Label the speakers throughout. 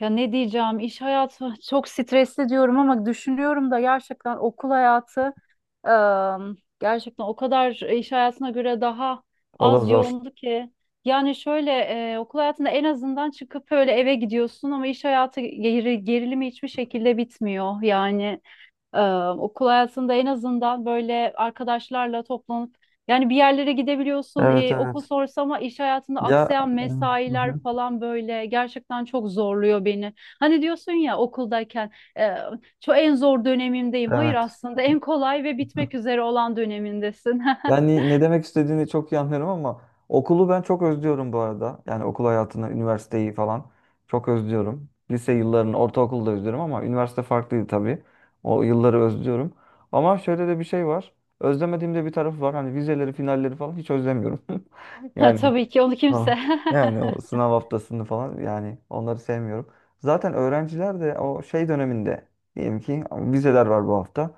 Speaker 1: Ya ne diyeceğim, iş hayatı çok stresli diyorum ama düşünüyorum da gerçekten okul hayatı gerçekten o kadar iş hayatına göre daha
Speaker 2: O da
Speaker 1: az
Speaker 2: zor.
Speaker 1: yoğundu ki. Yani şöyle okul hayatında en azından çıkıp öyle eve gidiyorsun ama iş hayatı gerilimi hiçbir şekilde bitmiyor. Yani e, okul hayatında en azından böyle arkadaşlarla toplanıp yani bir yerlere gidebiliyorsun,
Speaker 2: Evet,
Speaker 1: okul
Speaker 2: evet.
Speaker 1: sonrası ama iş hayatında
Speaker 2: Ya
Speaker 1: aksayan
Speaker 2: e, hı
Speaker 1: mesailer
Speaker 2: hı.
Speaker 1: falan böyle gerçekten çok zorluyor beni. Hani diyorsun ya, okuldayken e, çok en zor dönemimdeyim. Hayır,
Speaker 2: Evet.
Speaker 1: aslında en kolay ve bitmek üzere olan dönemindesin.
Speaker 2: Yani ne demek istediğini çok iyi anlıyorum ama okulu ben çok özlüyorum bu arada. Yani okul hayatını, üniversiteyi falan çok özlüyorum. Lise yıllarını, ortaokulu da özlüyorum ama üniversite farklıydı tabii. O yılları özlüyorum. Ama şöyle de bir şey var. Özlemediğim de bir tarafı var. Hani vizeleri, finalleri falan hiç özlemiyorum.
Speaker 1: Ha,
Speaker 2: Yani
Speaker 1: tabii ki onu
Speaker 2: ha.
Speaker 1: kimse.
Speaker 2: Yani o sınav haftasını falan, yani onları sevmiyorum. Zaten öğrenciler de o şey döneminde, diyelim ki vizeler var bu hafta.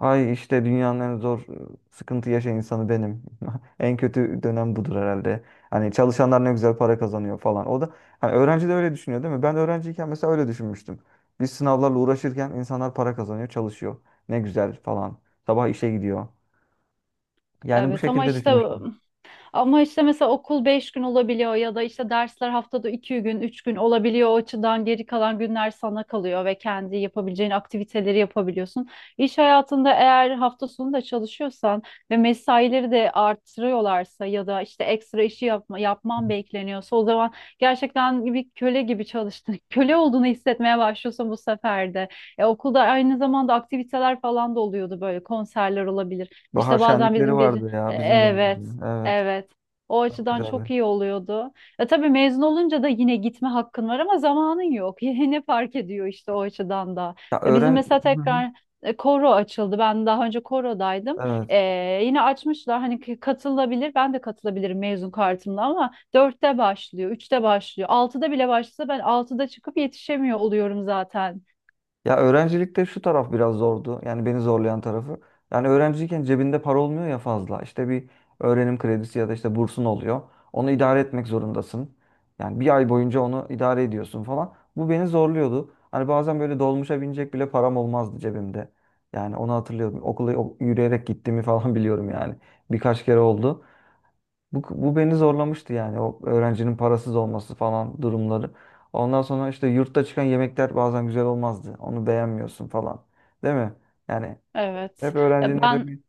Speaker 2: Ay işte dünyanın en zor sıkıntı yaşayan insanı benim. En kötü dönem budur herhalde. Hani çalışanlar ne güzel para kazanıyor falan. O da, hani öğrenci de öyle düşünüyor değil mi? Ben öğrenciyken mesela öyle düşünmüştüm. Biz sınavlarla uğraşırken insanlar para kazanıyor, çalışıyor. Ne güzel falan. Sabah işe gidiyor. Yani bu
Speaker 1: Evet ama
Speaker 2: şekilde
Speaker 1: işte,
Speaker 2: düşünmüştüm.
Speaker 1: ama işte mesela okul 5 gün olabiliyor ya da işte dersler haftada 2 gün, 3 gün olabiliyor. O açıdan geri kalan günler sana kalıyor ve kendi yapabileceğin aktiviteleri yapabiliyorsun. İş hayatında eğer hafta sonu da çalışıyorsan ve mesaileri de artırıyorlarsa ya da işte ekstra işi yapman bekleniyorsa o zaman gerçekten bir köle gibi çalıştın. Köle olduğunu hissetmeye başlıyorsun bu sefer de. Okulda aynı zamanda aktiviteler falan da oluyordu, böyle konserler olabilir.
Speaker 2: Bahar
Speaker 1: İşte bazen
Speaker 2: şenlikleri
Speaker 1: bizim gece
Speaker 2: vardı ya bizim
Speaker 1: Evet,
Speaker 2: dönemde. Evet.
Speaker 1: evet. O
Speaker 2: Çok
Speaker 1: açıdan
Speaker 2: güzeldi.
Speaker 1: çok iyi oluyordu. Ya tabii mezun olunca da yine gitme hakkın var ama zamanın yok. Yine fark ediyor işte o açıdan da.
Speaker 2: Ya
Speaker 1: Ya bizim
Speaker 2: öğren,
Speaker 1: mesela
Speaker 2: hı hı.
Speaker 1: tekrar koro açıldı. Ben daha önce korodaydım.
Speaker 2: Evet.
Speaker 1: Yine açmışlar, hani katılabilir. Ben de katılabilirim mezun kartımla ama dörtte başlıyor, üçte başlıyor. Altıda bile başlasa ben altıda çıkıp yetişemiyor oluyorum zaten.
Speaker 2: Ya öğrencilikte şu taraf biraz zordu. Yani beni zorlayan tarafı. Yani öğrenciyken cebinde para olmuyor ya fazla. İşte bir öğrenim kredisi ya da işte bursun oluyor. Onu idare etmek zorundasın. Yani bir ay boyunca onu idare ediyorsun falan. Bu beni zorluyordu. Hani bazen böyle dolmuşa binecek bile param olmazdı cebimde. Yani onu hatırlıyorum. Okula o- yürüyerek gittiğimi falan biliyorum yani. Birkaç kere oldu. Bu beni zorlamıştı yani, o öğrencinin parasız olması falan durumları. Ondan sonra işte yurtta çıkan yemekler bazen güzel olmazdı. Onu beğenmiyorsun falan. Değil mi? Yani hep
Speaker 1: Evet.
Speaker 2: öğrencinin
Speaker 1: Ya
Speaker 2: öyle
Speaker 1: ben,
Speaker 2: bir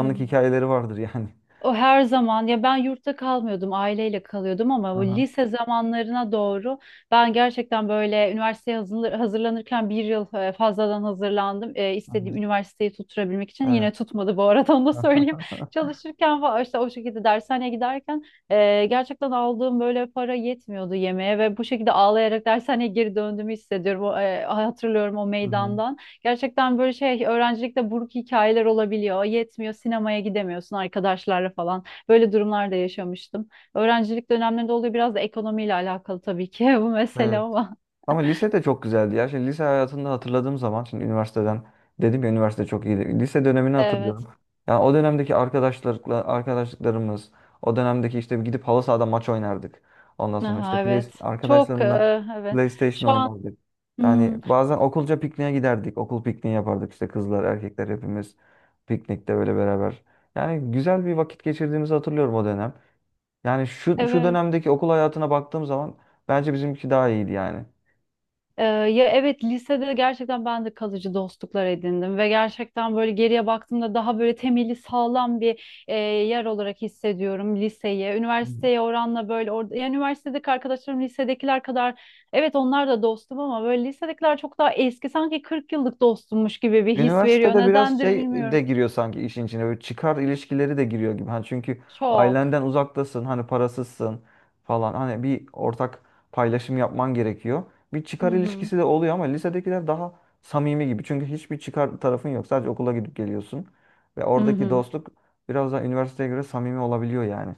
Speaker 1: hı hı.
Speaker 2: hikayeleri vardır yani.
Speaker 1: O her zaman, ya ben yurtta kalmıyordum, aileyle kalıyordum ama bu
Speaker 2: Aha,
Speaker 1: lise zamanlarına doğru ben gerçekten böyle üniversiteye hazırlanırken bir yıl fazladan hazırlandım. E, istediğim
Speaker 2: aha.
Speaker 1: üniversiteyi tutturabilmek için, yine
Speaker 2: Evet.
Speaker 1: tutmadı bu arada onu da söyleyeyim. Çalışırken falan işte o şekilde dershaneye giderken gerçekten aldığım böyle para yetmiyordu yemeğe ve bu şekilde ağlayarak dershaneye geri döndüğümü hissediyorum. Hatırlıyorum o
Speaker 2: Aha,
Speaker 1: meydandan. Gerçekten böyle şey, öğrencilikte buruk hikayeler olabiliyor. Yetmiyor, sinemaya gidemiyorsun arkadaşlarla falan. Böyle durumlar da yaşamıştım. Öğrencilik dönemlerinde oluyor, biraz da ekonomiyle alakalı tabii ki bu mesele
Speaker 2: evet.
Speaker 1: ama.
Speaker 2: Ama lise de çok güzeldi ya. Şimdi lise hayatında hatırladığım zaman, şimdi üniversiteden dedim ya, üniversite çok iyiydi. Lise dönemini
Speaker 1: Evet.
Speaker 2: hatırlıyorum. Yani o dönemdeki arkadaşlarla arkadaşlıklarımız, o dönemdeki işte gidip halı sahada maç oynardık. Ondan sonra işte
Speaker 1: Aha,
Speaker 2: play,
Speaker 1: evet. Çok
Speaker 2: arkadaşlarımla
Speaker 1: evet.
Speaker 2: PlayStation
Speaker 1: Şu an,
Speaker 2: oynardık. Yani
Speaker 1: hmm,
Speaker 2: bazen okulca pikniğe giderdik. Okul pikniği yapardık işte kızlar, erkekler hepimiz piknikte böyle beraber. Yani güzel bir vakit geçirdiğimizi hatırlıyorum o dönem. Yani şu
Speaker 1: evet.
Speaker 2: dönemdeki okul hayatına baktığım zaman bence bizimki daha iyiydi yani.
Speaker 1: Ya evet, lisede gerçekten ben de kalıcı dostluklar edindim ve gerçekten böyle geriye baktığımda daha böyle temeli sağlam bir yer olarak hissediyorum liseyi. Üniversiteye oranla böyle orada, yani üniversitedeki arkadaşlarım lisedekiler kadar, evet onlar da dostum ama böyle lisedekiler çok daha eski, sanki 40 yıllık dostummuş gibi bir his veriyor.
Speaker 2: Üniversitede biraz
Speaker 1: Nedendir
Speaker 2: şey de
Speaker 1: bilmiyorum.
Speaker 2: giriyor sanki işin içine. Böyle çıkar ilişkileri de giriyor gibi. Hani çünkü
Speaker 1: Çok.
Speaker 2: ailenden uzaktasın, hani parasızsın falan. Hani bir ortak paylaşım yapman gerekiyor. Bir çıkar
Speaker 1: Hı hı.
Speaker 2: ilişkisi de oluyor ama lisedekiler daha samimi gibi. Çünkü hiçbir çıkar tarafın yok. Sadece okula gidip geliyorsun. Ve
Speaker 1: Hı
Speaker 2: oradaki
Speaker 1: hı.
Speaker 2: dostluk biraz daha üniversiteye göre samimi olabiliyor yani.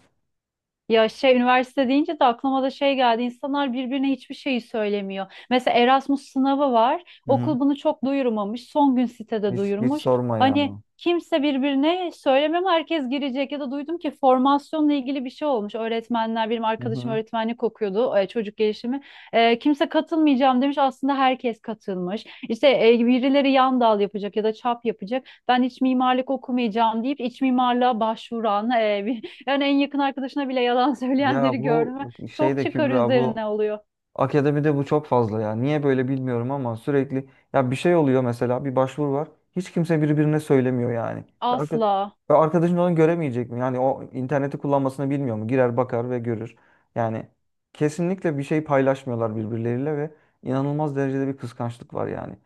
Speaker 1: Ya şey, üniversite deyince de aklıma da şey geldi. İnsanlar birbirine hiçbir şeyi söylemiyor. Mesela Erasmus sınavı var.
Speaker 2: Hı hı.
Speaker 1: Okul bunu çok duyurmamış. Son gün sitede
Speaker 2: Hiç
Speaker 1: duyurmuş.
Speaker 2: sorma
Speaker 1: Hani
Speaker 2: ya.
Speaker 1: kimse birbirine söylemem, herkes girecek. Ya da duydum ki formasyonla ilgili bir şey olmuş. Öğretmenler, benim
Speaker 2: Hı
Speaker 1: arkadaşım
Speaker 2: hı.
Speaker 1: öğretmenlik okuyordu, çocuk gelişimi. Kimse katılmayacağım demiş. Aslında herkes katılmış. İşte birileri yan dal yapacak ya da çap yapacak. Ben iç mimarlık okumayacağım deyip iç mimarlığa başvuran bir, yani en yakın arkadaşına bile yalan
Speaker 2: Ya
Speaker 1: söyleyenleri
Speaker 2: bu
Speaker 1: gördüm. Ve
Speaker 2: şey
Speaker 1: çok
Speaker 2: de
Speaker 1: çıkar
Speaker 2: Kübra, bu
Speaker 1: üzerine oluyor.
Speaker 2: akademide bu çok fazla ya. Niye böyle bilmiyorum ama sürekli ya bir şey oluyor, mesela bir başvuru var. Hiç kimse birbirine söylemiyor yani. Ya Arka,
Speaker 1: Asla.
Speaker 2: ya arkadaşın onu göremeyecek mi? Yani o interneti kullanmasını bilmiyor mu? Girer, bakar ve görür. Yani kesinlikle bir şey paylaşmıyorlar birbirleriyle ve inanılmaz derecede bir kıskançlık var yani.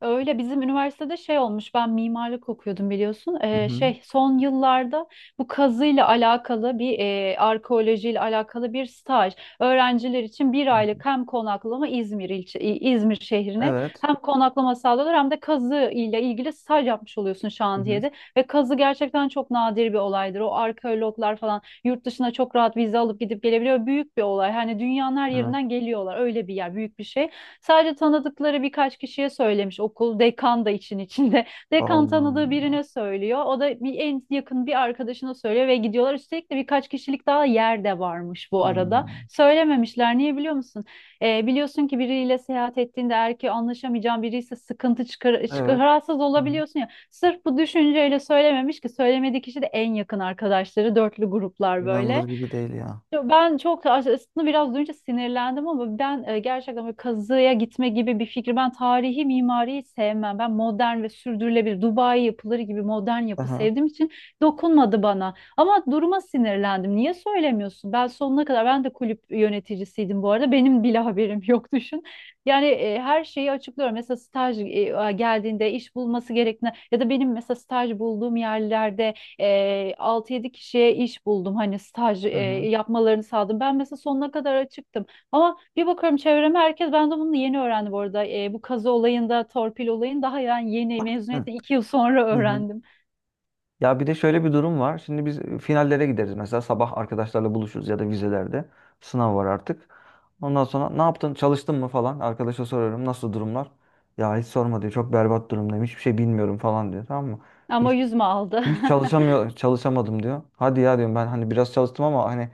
Speaker 1: Öyle. Bizim üniversitede şey olmuş, ben mimarlık okuyordum biliyorsun.
Speaker 2: Hı hı.
Speaker 1: Şey, son yıllarda bu kazıyla alakalı bir arkeolojiyle alakalı bir staj, öğrenciler için bir aylık hem konaklama, İzmir ilçe İzmir şehrine
Speaker 2: Evet.
Speaker 1: hem konaklama sağlıyorlar hem de kazı ile ilgili staj yapmış oluyorsun
Speaker 2: Hı hı.
Speaker 1: şantiyede. Ve kazı gerçekten çok nadir bir olaydır. O arkeologlar falan yurt dışına çok rahat vize alıp gidip gelebiliyor, büyük bir olay, hani dünyanın her
Speaker 2: Evet.
Speaker 1: yerinden geliyorlar, öyle bir yer, büyük bir şey. Sadece tanıdıkları birkaç kişiye söylemiş okul. Dekan da için içinde. Dekan
Speaker 2: Allah
Speaker 1: tanıdığı
Speaker 2: Allah.
Speaker 1: birine söylüyor. O da bir en yakın bir arkadaşına söylüyor ve gidiyorlar. Üstelik de birkaç kişilik daha yer de varmış bu arada.
Speaker 2: Hmm.
Speaker 1: Söylememişler. Niye biliyor musun? Biliyorsun ki biriyle seyahat ettiğinde, eğer ki anlaşamayacağın biri, sıkıntı çıkar,
Speaker 2: Evet.
Speaker 1: rahatsız
Speaker 2: Hı hı.
Speaker 1: olabiliyorsun ya. Sırf bu düşünceyle söylememiş ki söylemediği kişi de en yakın arkadaşları, dörtlü gruplar böyle.
Speaker 2: İnanılır gibi değil ya.
Speaker 1: Yo, ben çok aslında, biraz duyunca sinirlendim ama ben gerçekten böyle kazıya gitme gibi bir fikri, ben tarihi mimariyi sevmem. Ben modern ve sürdürülebilir Dubai yapıları gibi modern yapı
Speaker 2: Aha.
Speaker 1: sevdiğim için dokunmadı bana. Ama duruma sinirlendim. Niye söylemiyorsun? Ben sonuna kadar, ben de kulüp yöneticisiydim bu arada. Benim bile haberim yok düşün. Yani her şeyi açıklıyorum. Mesela staj geldiğinde iş bulması gerektiğine ya da benim mesela staj bulduğum yerlerde 6-7 kişiye iş buldum, hani staj
Speaker 2: Hı hı.
Speaker 1: yapmalarını sağladım. Ben mesela sonuna kadar açıktım ama bir bakıyorum çevreme herkes, ben de bunu yeni öğrendim bu arada. Bu kazı olayında torpil olayını daha, yani yeni,
Speaker 2: Hı.
Speaker 1: mezuniyetten iki yıl sonra
Speaker 2: Hı hı.
Speaker 1: öğrendim
Speaker 2: Ya bir de şöyle bir durum var. Şimdi biz finallere gideriz. Mesela sabah arkadaşlarla buluşuruz ya da vizelerde. Sınav var artık. Ondan sonra ne yaptın? Çalıştın mı falan? Arkadaşa soruyorum. Nasıl durumlar? Ya hiç sorma diyor. Çok berbat durumdayım. Hiçbir şey bilmiyorum falan diyor. Tamam mı?
Speaker 1: ama
Speaker 2: Hiç,
Speaker 1: yüzme aldı.
Speaker 2: çalışamadım diyor. Hadi ya diyorum, ben hani biraz çalıştım ama hani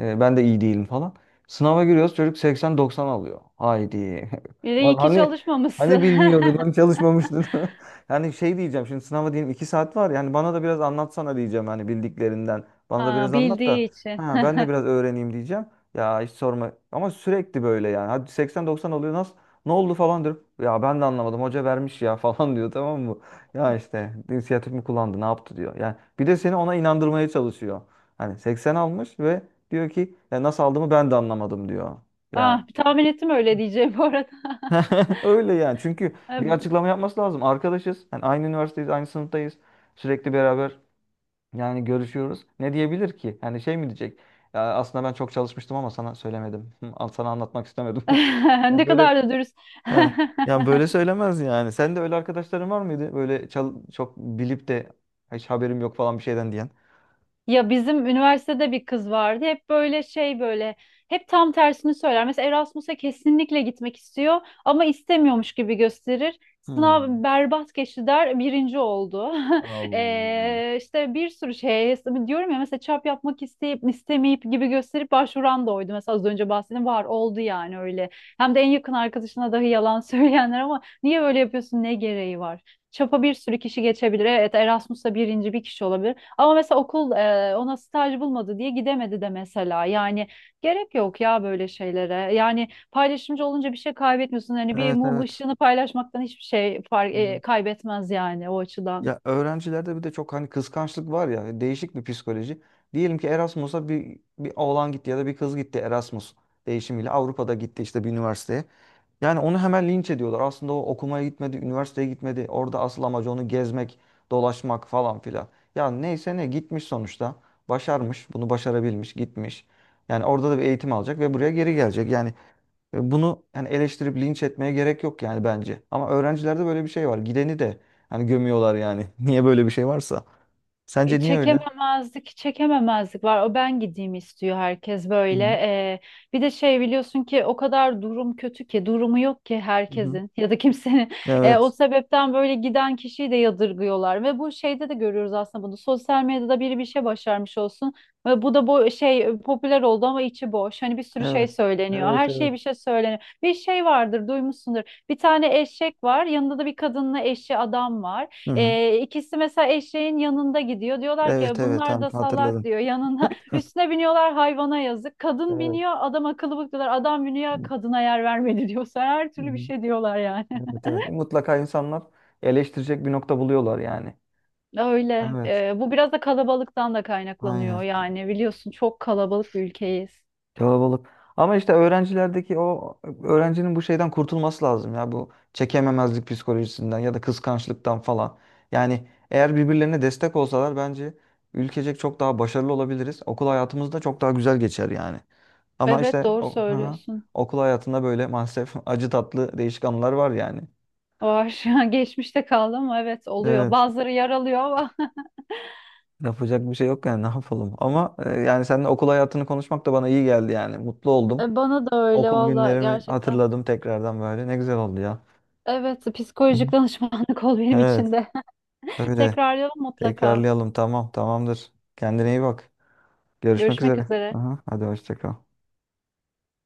Speaker 2: ben de iyi değilim falan. Sınava giriyoruz, çocuk 80-90 alıyor. Haydi.
Speaker 1: Bir de
Speaker 2: Lan
Speaker 1: iyi ki
Speaker 2: hani, hani
Speaker 1: çalışmamışsın.
Speaker 2: bilmiyordun, hani çalışmamıştın. Yani şey diyeceğim, şimdi sınava diyelim 2 saat var. Yani bana da biraz anlatsana diyeceğim hani bildiklerinden. Bana da
Speaker 1: Ha,
Speaker 2: biraz anlat da
Speaker 1: bildiği için.
Speaker 2: ha, ben de biraz öğreneyim diyeceğim. Ya hiç sorma. Ama sürekli böyle yani. Hadi 80-90 alıyor nasıl? Ne oldu falan diyorum. Ya ben de anlamadım. Hoca vermiş ya falan diyor, tamam mı? Ya işte inisiyatif mi kullandı, ne yaptı diyor. Yani bir de seni ona inandırmaya çalışıyor. Hani 80 almış ve diyor ki ya nasıl aldığımı ben de anlamadım diyor. Yani
Speaker 1: Ah, tahmin ettim öyle diyeceğim bu arada.
Speaker 2: öyle yani. Çünkü bir açıklama yapması lazım. Arkadaşız. Yani aynı üniversiteyiz, aynı sınıftayız. Sürekli beraber yani görüşüyoruz. Ne diyebilir ki? Yani şey mi diyecek? Ya aslında ben çok çalışmıştım ama sana söylemedim. Al sana, anlatmak istemedim.
Speaker 1: Ne
Speaker 2: Ya böyle
Speaker 1: kadar da dürüst.
Speaker 2: he. Yani böyle söylemez yani. Sen de öyle arkadaşların var mıydı? Böyle çal- çok bilip de hiç haberim yok falan bir şeyden diyen.
Speaker 1: Ya bizim üniversitede bir kız vardı. Hep böyle şey, böyle hep tam tersini söyler. Mesela Erasmus'a kesinlikle gitmek istiyor ama istemiyormuş gibi gösterir.
Speaker 2: Hmm.
Speaker 1: Sınav berbat geçti der, birinci oldu.
Speaker 2: Allah.
Speaker 1: İşte bir sürü şey, diyorum ya mesela çap yapmak istemeyip gibi gösterip başvuran da oydu. Mesela az önce bahsettiğim var, oldu yani öyle. Hem de en yakın arkadaşına dahi yalan söyleyenler, ama niye böyle yapıyorsun, ne gereği var? Çapa bir sürü kişi geçebilir. Evet, Erasmus'ta birinci bir kişi olabilir. Ama mesela okul ona staj bulmadı diye gidemedi de mesela. Yani gerek yok ya böyle şeylere. Yani paylaşımcı olunca bir şey kaybetmiyorsun. Hani bir
Speaker 2: Evet,
Speaker 1: mum
Speaker 2: evet.
Speaker 1: ışığını paylaşmaktan hiçbir şey kaybetmez yani o açıdan.
Speaker 2: Ya öğrencilerde bir de çok hani kıskançlık var ya, değişik bir psikoloji. Diyelim ki Erasmus'a bir oğlan gitti ya da bir kız gitti, Erasmus değişimiyle Avrupa'da gitti işte bir üniversiteye. Yani onu hemen linç ediyorlar. Aslında o okumaya gitmedi, üniversiteye gitmedi. Orada asıl amacı onu gezmek, dolaşmak falan filan. Ya neyse, ne gitmiş sonuçta. Başarmış, bunu başarabilmiş, gitmiş. Yani orada da bir eğitim alacak ve buraya geri gelecek. Bunu yani eleştirip linç etmeye gerek yok yani bence. Ama öğrencilerde böyle bir şey var. Gideni de hani gömüyorlar yani. Niye böyle bir şey varsa. Sence niye öyle?
Speaker 1: Çekememezlik var. O, ben gideyim istiyor herkes
Speaker 2: Hı
Speaker 1: böyle.
Speaker 2: hı.
Speaker 1: Bir de şey, biliyorsun ki o kadar durum kötü ki, durumu yok ki
Speaker 2: Hı hı.
Speaker 1: herkesin ya da kimsenin. O
Speaker 2: Evet.
Speaker 1: sebepten böyle giden kişiyi de yadırgıyorlar. Ve bu şeyde de görüyoruz aslında bunu. Sosyal medyada biri bir şey başarmış olsun. Ve bu da bu şey popüler oldu ama içi boş. Hani bir sürü
Speaker 2: Evet.
Speaker 1: şey söyleniyor.
Speaker 2: Evet,
Speaker 1: Her
Speaker 2: evet.
Speaker 1: şeye bir şey söyleniyor. Bir şey vardır, duymuşsundur. Bir tane eşek var. Yanında da bir kadınla eşi adam var.
Speaker 2: Hı hı.
Speaker 1: İkisi mesela eşeğin yanında gidiyor. Diyorlar
Speaker 2: Evet,
Speaker 1: ki
Speaker 2: evet.
Speaker 1: bunlar
Speaker 2: Tamam,
Speaker 1: da salak,
Speaker 2: hatırladım.
Speaker 1: diyor yanına. Üstüne biniyorlar, hayvana yazık. Kadın
Speaker 2: Evet.
Speaker 1: biniyor, adam akıllı bak diyorlar. Adam biniyor,
Speaker 2: Hı
Speaker 1: kadına yer vermedi diyor. Sen her türlü bir
Speaker 2: hı.
Speaker 1: şey diyorlar yani.
Speaker 2: Evet, evet. Mutlaka insanlar eleştirecek bir nokta buluyorlar yani.
Speaker 1: Öyle.
Speaker 2: Evet.
Speaker 1: Bu biraz da kalabalıktan da kaynaklanıyor
Speaker 2: Aynen.
Speaker 1: yani. Biliyorsun, çok kalabalık bir ülkeyiz.
Speaker 2: Kalabalık. Ama işte öğrencilerdeki o öğrencinin bu şeyden kurtulması lazım ya, bu çekememezlik psikolojisinden ya da kıskançlıktan falan. Yani eğer birbirlerine destek olsalar bence ülkecek çok daha başarılı olabiliriz. Okul hayatımız da çok daha güzel geçer yani. Ama
Speaker 1: Evet,
Speaker 2: işte
Speaker 1: doğru
Speaker 2: o, hı hı.
Speaker 1: söylüyorsun.
Speaker 2: Okul hayatında böyle maalesef acı tatlı değişik anılar var yani.
Speaker 1: Var. Geçmişte kaldı ama evet, oluyor.
Speaker 2: Evet.
Speaker 1: Bazıları yaralıyor ama.
Speaker 2: Yapacak bir şey yok yani, ne yapalım. Yani seninle okul hayatını konuşmak da bana iyi geldi yani. Mutlu oldum.
Speaker 1: E, bana da öyle
Speaker 2: Okul
Speaker 1: valla,
Speaker 2: günlerimi
Speaker 1: gerçekten.
Speaker 2: hatırladım tekrardan böyle. Ne güzel oldu ya.
Speaker 1: Evet,
Speaker 2: Hı
Speaker 1: psikolojik
Speaker 2: hı.
Speaker 1: danışmanlık ol benim
Speaker 2: Evet.
Speaker 1: için de.
Speaker 2: Öyle.
Speaker 1: Tekrarlayalım mutlaka.
Speaker 2: Tekrarlayalım. Tamam. Tamamdır. Kendine iyi bak. Görüşmek
Speaker 1: Görüşmek
Speaker 2: üzere.
Speaker 1: üzere.
Speaker 2: Aha, hadi hoşça kal.